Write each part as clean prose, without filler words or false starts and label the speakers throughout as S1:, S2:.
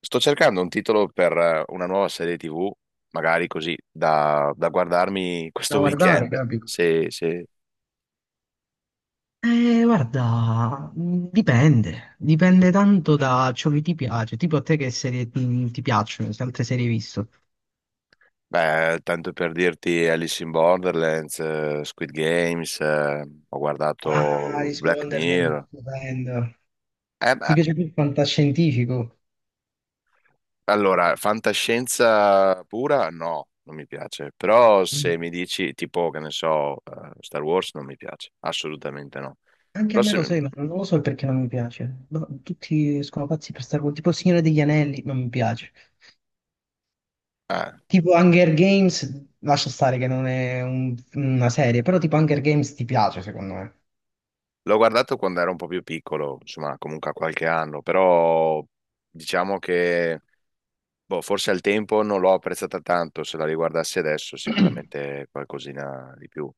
S1: Sto cercando un titolo per una nuova serie TV, magari così, da guardarmi
S2: Da
S1: questo
S2: guardare,
S1: weekend.
S2: capito?
S1: Se, se-
S2: Guarda, dipende, dipende tanto da ciò che ti piace, tipo a te che serie ti piacciono, se altre serie hai visto.
S1: beh, tanto per dirti Alice in Borderlands, Squid Games, ho
S2: Ah,
S1: guardato
S2: Alice in
S1: Black
S2: Wonderland,
S1: Mirror.
S2: stupendo.
S1: Eh,
S2: Ti
S1: beh,
S2: piace più il fantascientifico?
S1: allora, fantascienza pura? No, non mi piace. Però se
S2: Mm.
S1: mi dici tipo, che ne so, Star Wars non mi piace, assolutamente no.
S2: Anche a
S1: Però
S2: me lo
S1: se,
S2: sai, ma non lo so perché non mi piace. No, tutti sono pazzi per Star Wars, tipo Il Signore degli Anelli, non mi piace.
S1: eh,
S2: Tipo Hunger Games, lascia stare che non è una serie, però tipo Hunger Games ti piace secondo me.
S1: l'ho guardato quando ero un po' più piccolo, insomma, comunque a qualche anno, però diciamo che boh, forse al tempo non l'ho apprezzata tanto, se la riguardassi adesso sicuramente qualcosina di più,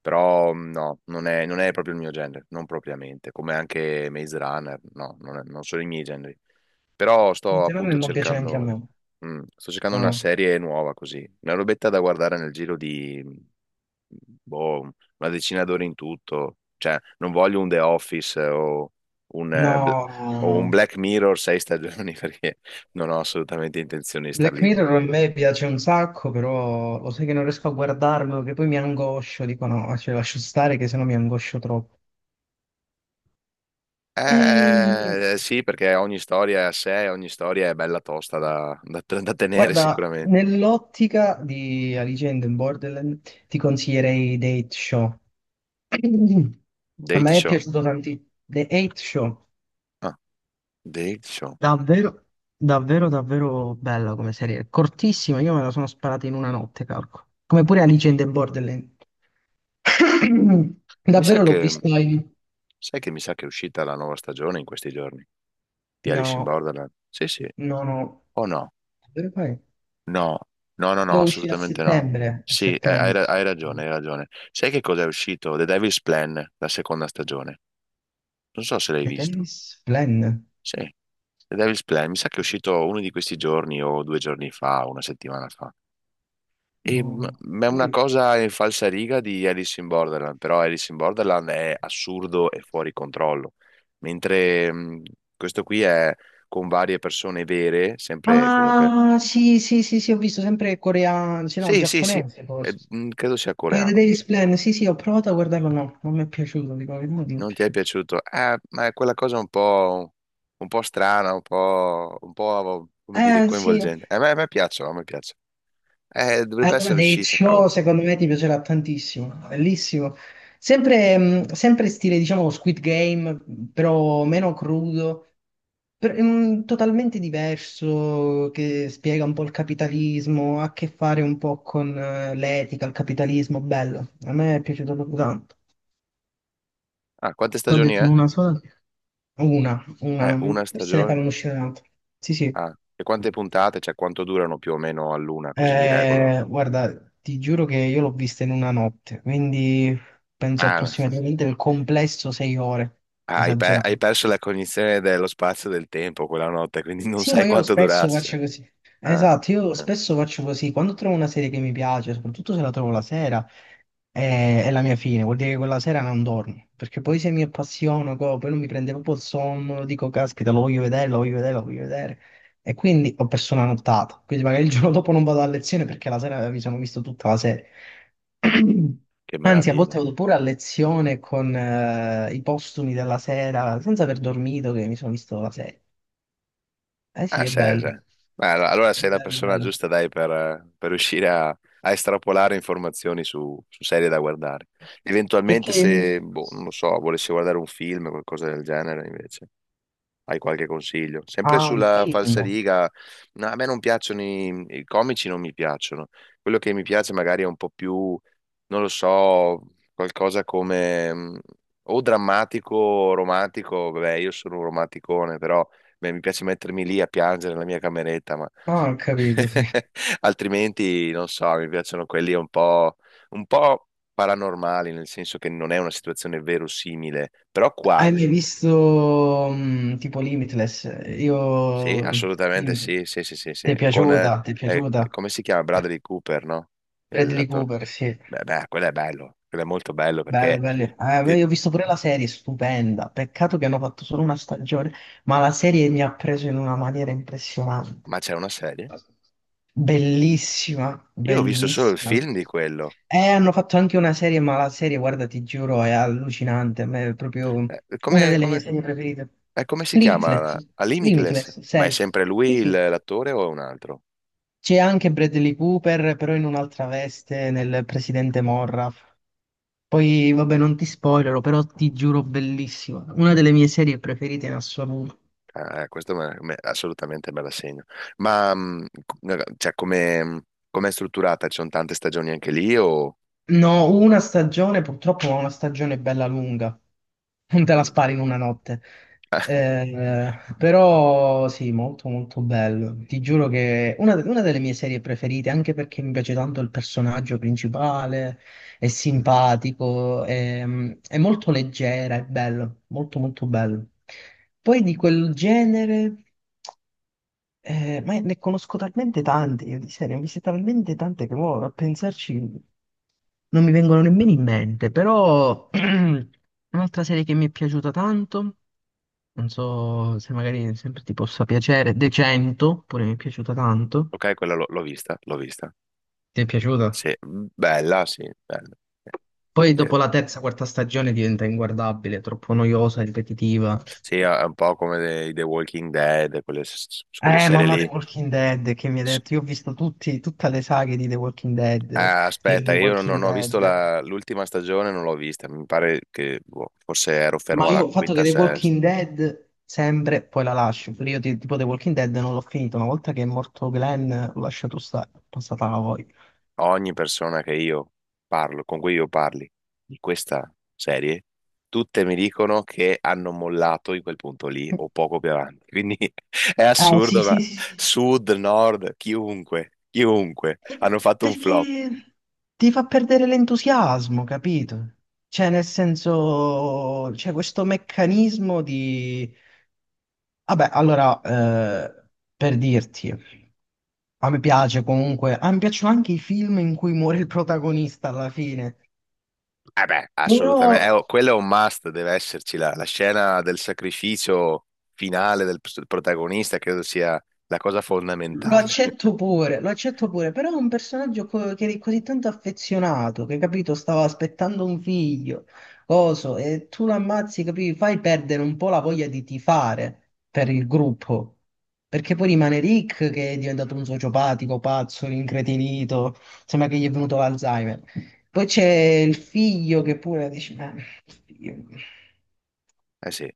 S1: però no, non è proprio il mio genere, non propriamente, come anche Maze Runner, no, non, non sono i miei generi, però
S2: Il
S1: sto
S2: fenomeno
S1: appunto
S2: non piace neanche a me.
S1: cercando,
S2: No,
S1: sto cercando una
S2: no.
S1: serie nuova così, una robetta da guardare nel giro di, boh, una decina d'ore in tutto, cioè non voglio un The Office, o un... eh, Bl- o un
S2: No,
S1: Black Mirror sei stagioni perché non ho assolutamente intenzione di star
S2: Black
S1: lì.
S2: Mirror a me piace un sacco, però lo sai che non riesco a guardarlo, che poi mi angoscio, dico no, cioè lascio stare che sennò mi angoscio troppo. Ehm,
S1: Sì, perché ogni storia è a sé, ogni storia è bella tosta da, da tenere
S2: Guarda,
S1: sicuramente.
S2: nell'ottica di Alice in Borderland ti consiglierei The Eight Show. A
S1: Date
S2: me è
S1: Show.
S2: piaciuto tantissimo. The Eight Show,
S1: Ah, Date Show.
S2: davvero, davvero bella come serie. Cortissima, io me la sono sparata in una notte, calco. Come pure Alice in Borderland.
S1: Mi sa
S2: Davvero l'ho
S1: che,
S2: visto in-
S1: sai che mi sa che è uscita la nuova stagione in questi giorni di Alice in
S2: No,
S1: Borderland. Sì, sì.
S2: no, no.
S1: O no?
S2: Davvero poi?
S1: No, no, no, no,
S2: Devo uscire a
S1: assolutamente no.
S2: settembre, a
S1: Sì, hai,
S2: settembre.
S1: ra- hai ragione, hai ragione. Sai che cosa è uscito? The Devil's Plan, la seconda stagione. Non so se l'hai
S2: The
S1: visto.
S2: Davis Plan.
S1: Sì. The Devil's Plan, mi sa che è uscito uno di questi giorni o 2 giorni fa, una settimana fa. E m-
S2: No.
S1: ma è una
S2: Sì.
S1: cosa in falsariga di Alice in Borderland, però Alice in Borderland è assurdo e fuori controllo, mentre questo qui è con varie persone vere, sempre comunque.
S2: Ah, sì, sì, sì, sì, ho visto sempre coreano, sì, no,
S1: Sì, sì, sì,
S2: giapponese forse.
S1: credo sia
S2: The
S1: coreano.
S2: Davis
S1: questo.
S2: Plan, sì, sì, ho provato a guardarlo, no, non mi è piaciuto, dico, la verità, non mi è
S1: Non ti è
S2: piaciuto.
S1: piaciuto? Ma è quella cosa un po' strana, un po', come dire,
S2: Sì,
S1: coinvolgente. A me piacciono, a me piacciono. Dovrebbe
S2: allora,
S1: essere
S2: Dave
S1: uscita,
S2: Show
S1: cavolo.
S2: secondo me ti piacerà tantissimo, no, bellissimo. Sempre, sempre stile, diciamo, Squid Game, però meno crudo, totalmente diverso, che spiega un po' il capitalismo, ha a che fare un po' con l'etica, il capitalismo, bello. A me è piaciuto proprio tanto.
S1: Ah, quante
S2: Te l'ho
S1: stagioni
S2: detto in
S1: è?
S2: una sola? Una,
S1: È
S2: non-
S1: una
S2: Forse ne
S1: stagione?
S2: farò uscire un'altra. Sì, sì.
S1: Ah, e quante puntate? Cioè, quanto durano più o meno all'una? Così mi regolo.
S2: Guarda, ti giuro che io l'ho vista in una notte, quindi penso
S1: Ah,
S2: approssimativamente il complesso sei ore,
S1: hai, pe- hai
S2: esagerato.
S1: perso la cognizione dello spazio e del tempo quella notte, quindi non
S2: Sì,
S1: sai
S2: ma io lo
S1: quanto
S2: spesso faccio
S1: durasse.
S2: così.
S1: Ah,
S2: Esatto, io
S1: eh,
S2: spesso faccio così. Quando trovo una serie che mi piace, soprattutto se la trovo la sera, è la mia fine. Vuol dire che quella sera non dormo. Perché poi se mi appassiono, co, poi non mi prende proprio il sonno, dico, caspita, lo voglio vedere, lo voglio vedere, lo voglio vedere. E quindi ho perso una nottata. Quindi magari il giorno dopo non vado a lezione perché la sera mi sono visto tutta la serie.
S1: che
S2: Anzi, a volte
S1: meraviglia.
S2: vado pure a lezione con i postumi della sera, senza aver dormito, che mi sono visto la serie. Eh sì,
S1: Ah,
S2: è
S1: sì, sì.
S2: bello.
S1: Beh, allora
S2: È
S1: sei la
S2: bello, è
S1: persona
S2: bello.
S1: giusta, dai, per riuscire a, estrapolare informazioni su, serie da guardare. Eventualmente,
S2: Perché mi-
S1: se, boh, non lo so, volessi guardare un film o qualcosa del genere, invece. Hai qualche consiglio? Sempre
S2: Ah, un
S1: sulla
S2: film.
S1: falsariga, no, a me non piacciono i comici, non mi piacciono. Quello che mi piace magari è un po' più, non lo so, qualcosa come o drammatico o romantico. Vabbè, io sono un romanticone, però beh, mi piace mettermi lì a piangere nella mia cameretta, ma
S2: Ah, ho capito, sì.
S1: altrimenti non so, mi piacciono quelli un po' paranormali, nel senso che non è una situazione verosimile, però
S2: Hai mai
S1: quasi.
S2: visto mm, tipo Limitless? Io...
S1: Sì, assolutamente
S2: Limitless.
S1: sì, sì, sì, sì,
S2: Ti
S1: sì.
S2: è
S1: Con, eh,
S2: piaciuta? Ti è
S1: eh,
S2: piaciuta?
S1: come si chiama? Bradley Cooper, no? Il-
S2: Bradley
S1: L'attore.
S2: Cooper, sì.
S1: Beh, beh, quello è bello, quello è molto bello
S2: Bello,
S1: perché...
S2: bello. Beh,
S1: ti-
S2: io ho visto pure la serie, stupenda. Peccato che hanno fatto solo una stagione, ma la serie mi ha preso in una maniera impressionante.
S1: Ma c'è una serie?
S2: Bellissima,
S1: Io ho visto solo il
S2: bellissima.
S1: film di quello.
S2: Hanno fatto anche una serie, ma la serie, guarda, ti giuro, è allucinante. A me è proprio
S1: Eh,
S2: una
S1: come,
S2: delle mie
S1: come-
S2: serie preferite.
S1: come si chiama?
S2: Limitless,
S1: A Limitless?
S2: Limitless,
S1: Ma è
S2: serie.
S1: sempre lui
S2: Sì,
S1: il-
S2: sì.
S1: l'attore o è un altro?
S2: C'è anche Bradley Cooper, però in un'altra veste, nel presidente Morra. Poi, vabbè, non ti spoilerò, però ti giuro, bellissima. Una delle mie serie preferite in assoluto.
S1: Ah, questo assolutamente me la segno. Ma, cioè, come è strutturata? Ci sono tante stagioni anche lì o...
S2: No, una stagione, purtroppo ma una stagione bella lunga, non te la
S1: Mm.
S2: spari in una notte.
S1: Ah,
S2: Eh, però sì, molto molto bello. Ti giuro che è una delle mie serie preferite, anche perché mi piace tanto il personaggio principale, è simpatico, è molto leggera, è bello, molto molto bello. Poi di quel genere, ma ne conosco talmente tante, io di serie, ne ho viste talmente tante che mo, a pensarci non mi vengono nemmeno in mente, però un'altra serie che mi è piaciuta tanto, non so se magari sempre ti possa piacere, De 100, pure mi è piaciuta tanto.
S1: ok, quella l'ho vista, l'ho vista.
S2: Ti è piaciuta?
S1: Sì, bella, sì, bella.
S2: Poi
S1: Che-
S2: dopo la terza, quarta stagione diventa inguardabile, troppo noiosa, ripetitiva.
S1: Sì, è un po' come The Walking Dead, quelle, quelle serie
S2: Mamma The
S1: lì.
S2: Walking Dead che mi ha
S1: S-
S2: detto, io ho visto tutti, tutte le saghe di The Walking Dead,
S1: ah,
S2: Fear the
S1: aspetta, io non,
S2: Walking
S1: non ho visto
S2: Dead.
S1: l'ultima stagione, non l'ho vista. Mi pare che boh, forse ero
S2: Ma
S1: fermo alla
S2: io ho fatto che
S1: quinta,
S2: The
S1: sesta.
S2: Walking Dead sempre poi la lascio, perché io tipo The Walking Dead non l'ho finito, una volta che è morto Glenn l'ho lasciato stare, è passata la voglia.
S1: Ogni persona che io parlo, con cui io parli di questa serie, tutte mi dicono che hanno mollato in quel punto lì o poco più avanti. Quindi è
S2: Eh sì
S1: assurdo, ma
S2: sì sì sì,
S1: sud, nord, chiunque, chiunque, hanno
S2: e
S1: fatto un flop.
S2: perché ti fa perdere l'entusiasmo, capito? Cioè nel senso, c'è questo meccanismo di... Vabbè, allora, per dirti, a me piace comunque, a me piacciono anche i film in cui muore il protagonista alla fine.
S1: Beh,
S2: Però
S1: assolutamente. Oh, quello è un must, deve esserci la scena del sacrificio finale del protagonista, credo sia la cosa
S2: lo
S1: fondamentale.
S2: accetto pure, lo accetto pure, però è un personaggio che è così tanto affezionato, che capito, stava aspettando un figlio, coso, e tu lo ammazzi, capito, fai perdere un po' la voglia di tifare per il gruppo, perché poi rimane Rick che è diventato un sociopatico, pazzo, incretinito, sembra che gli è venuto l'Alzheimer. Poi c'è il figlio che pure dice, ma figlio.
S1: Sì,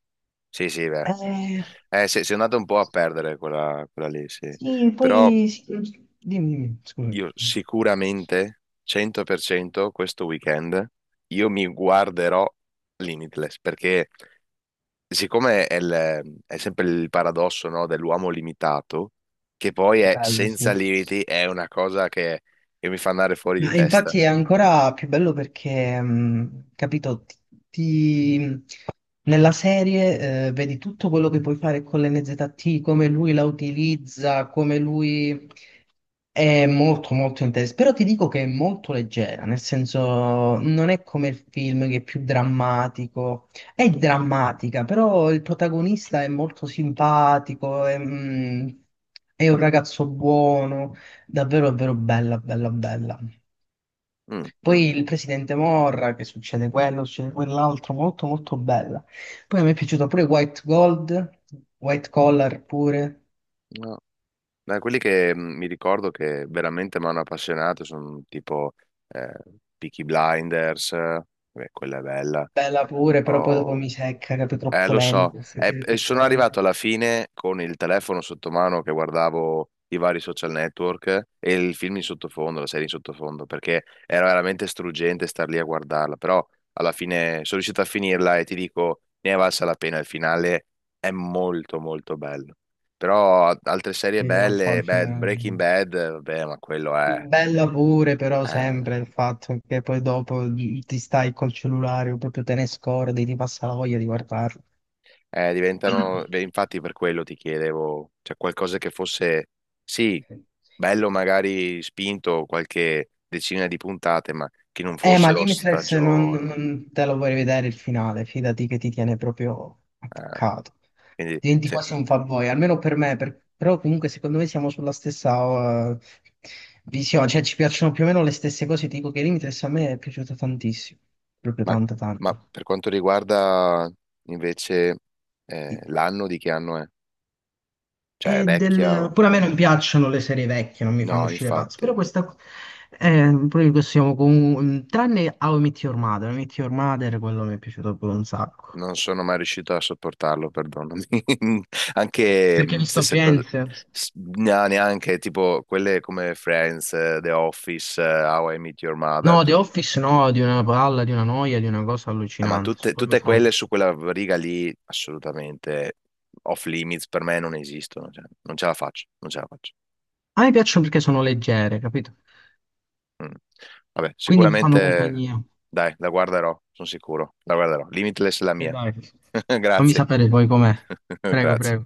S1: sì, sì, beh.
S2: Eh,
S1: Sì, si è andato un po' a perdere quella lì, sì.
S2: sì,
S1: Però
S2: poi... sì, dimmi, dimmi, scusa.
S1: io sicuramente, 100% questo weekend, io mi guarderò Limitless, perché siccome è sempre il paradosso, no, dell'uomo limitato, che poi è
S2: Bello,
S1: senza
S2: sì.
S1: limiti, è una cosa che mi fa andare fuori di
S2: Ma
S1: testa.
S2: infatti è ancora più bello perché, capito, ti- nella serie vedi tutto quello che puoi fare con l'NZT, come lui la utilizza, come lui è molto molto interessante. Però ti dico che è molto leggera, nel senso non è come il film che è più drammatico, è drammatica, però il protagonista è molto simpatico, è un ragazzo buono, davvero davvero bella, bella, bella.
S1: Mm, mm,
S2: Poi il
S1: mm.
S2: presidente Morra, che succede quello, succede quell'altro, molto molto bella. Poi mi è piaciuta pure White Gold, White Collar pure,
S1: No. Da quelli che mi ricordo che veramente mi hanno appassionato sono tipo eh, Peaky Blinders, beh, quella è bella.
S2: bella pure, però poi dopo
S1: O,
S2: mi secca, capito, troppo
S1: Lo so.
S2: lenta, se
S1: Eh,
S2: sei
S1: e sono
S2: troppo
S1: arrivato
S2: lenta.
S1: alla fine con il telefono sotto mano che guardavo i vari social network e il film in sottofondo, la serie in sottofondo, perché era veramente struggente star lì a guardarla, però alla fine sono riuscito a finirla e ti dico, ne è valsa la pena, il finale è molto molto bello. Però altre serie
S2: Sì, lo so,
S1: belle,
S2: al
S1: beh, Breaking
S2: fine...
S1: Bad, vabbè, ma quello è...
S2: Bella pure, però sempre
S1: eh,
S2: il fatto che poi dopo ti stai col cellulare, o proprio te ne scordi, ti passa la voglia di guardarlo.
S1: diventano, beh, infatti per quello ti chiedevo, cioè qualcosa che fosse, sì, bello magari spinto qualche decina di puntate, ma che non
S2: Ma
S1: fossero
S2: Limitless non,
S1: stagioni.
S2: non te lo vuoi vedere il finale, fidati che ti tiene proprio
S1: eh,
S2: attaccato.
S1: quindi,
S2: Diventi quasi un fanboy, almeno per me, però comunque secondo me siamo sulla stessa visione, cioè ci piacciono più o meno le stesse cose, ti dico che Limitless a me è piaciuto tantissimo, proprio
S1: ma,
S2: tanto
S1: ma
S2: tanto.
S1: per quanto riguarda invece, l'anno, di che anno è? Cioè, è
S2: E
S1: vecchia?
S2: del... Pure a me non piacciono le serie vecchie, non mi fanno
S1: No,
S2: uscire pazzo,
S1: infatti.
S2: però questa... poi possiamo comunque... Tranne How I Met Your Mother, How I Met Your Mother, quello mi è piaciuto proprio un sacco.
S1: Non sono mai riuscito a sopportarlo, perdonami. Anche
S2: Perché hai visto
S1: stessa cosa,
S2: Firenze?
S1: no, neanche tipo quelle come Friends, The Office, How I Meet Your Mother,
S2: No, The Office no, di una palla, di una noia, di una cosa
S1: ma
S2: allucinante.
S1: tutte, tutte quelle su quella riga lì, assolutamente off limits per me non esistono, cioè, non ce la faccio, non ce la faccio.
S2: A me piacciono perché sono leggere, capito?
S1: Mm. Vabbè,
S2: Quindi mi fanno
S1: sicuramente,
S2: compagnia.
S1: dai, la guarderò, sono sicuro, la guarderò. Limitless è la
S2: E
S1: mia.
S2: dai, fammi
S1: Grazie,
S2: sapere poi com'è. Prego,
S1: grazie.
S2: prego.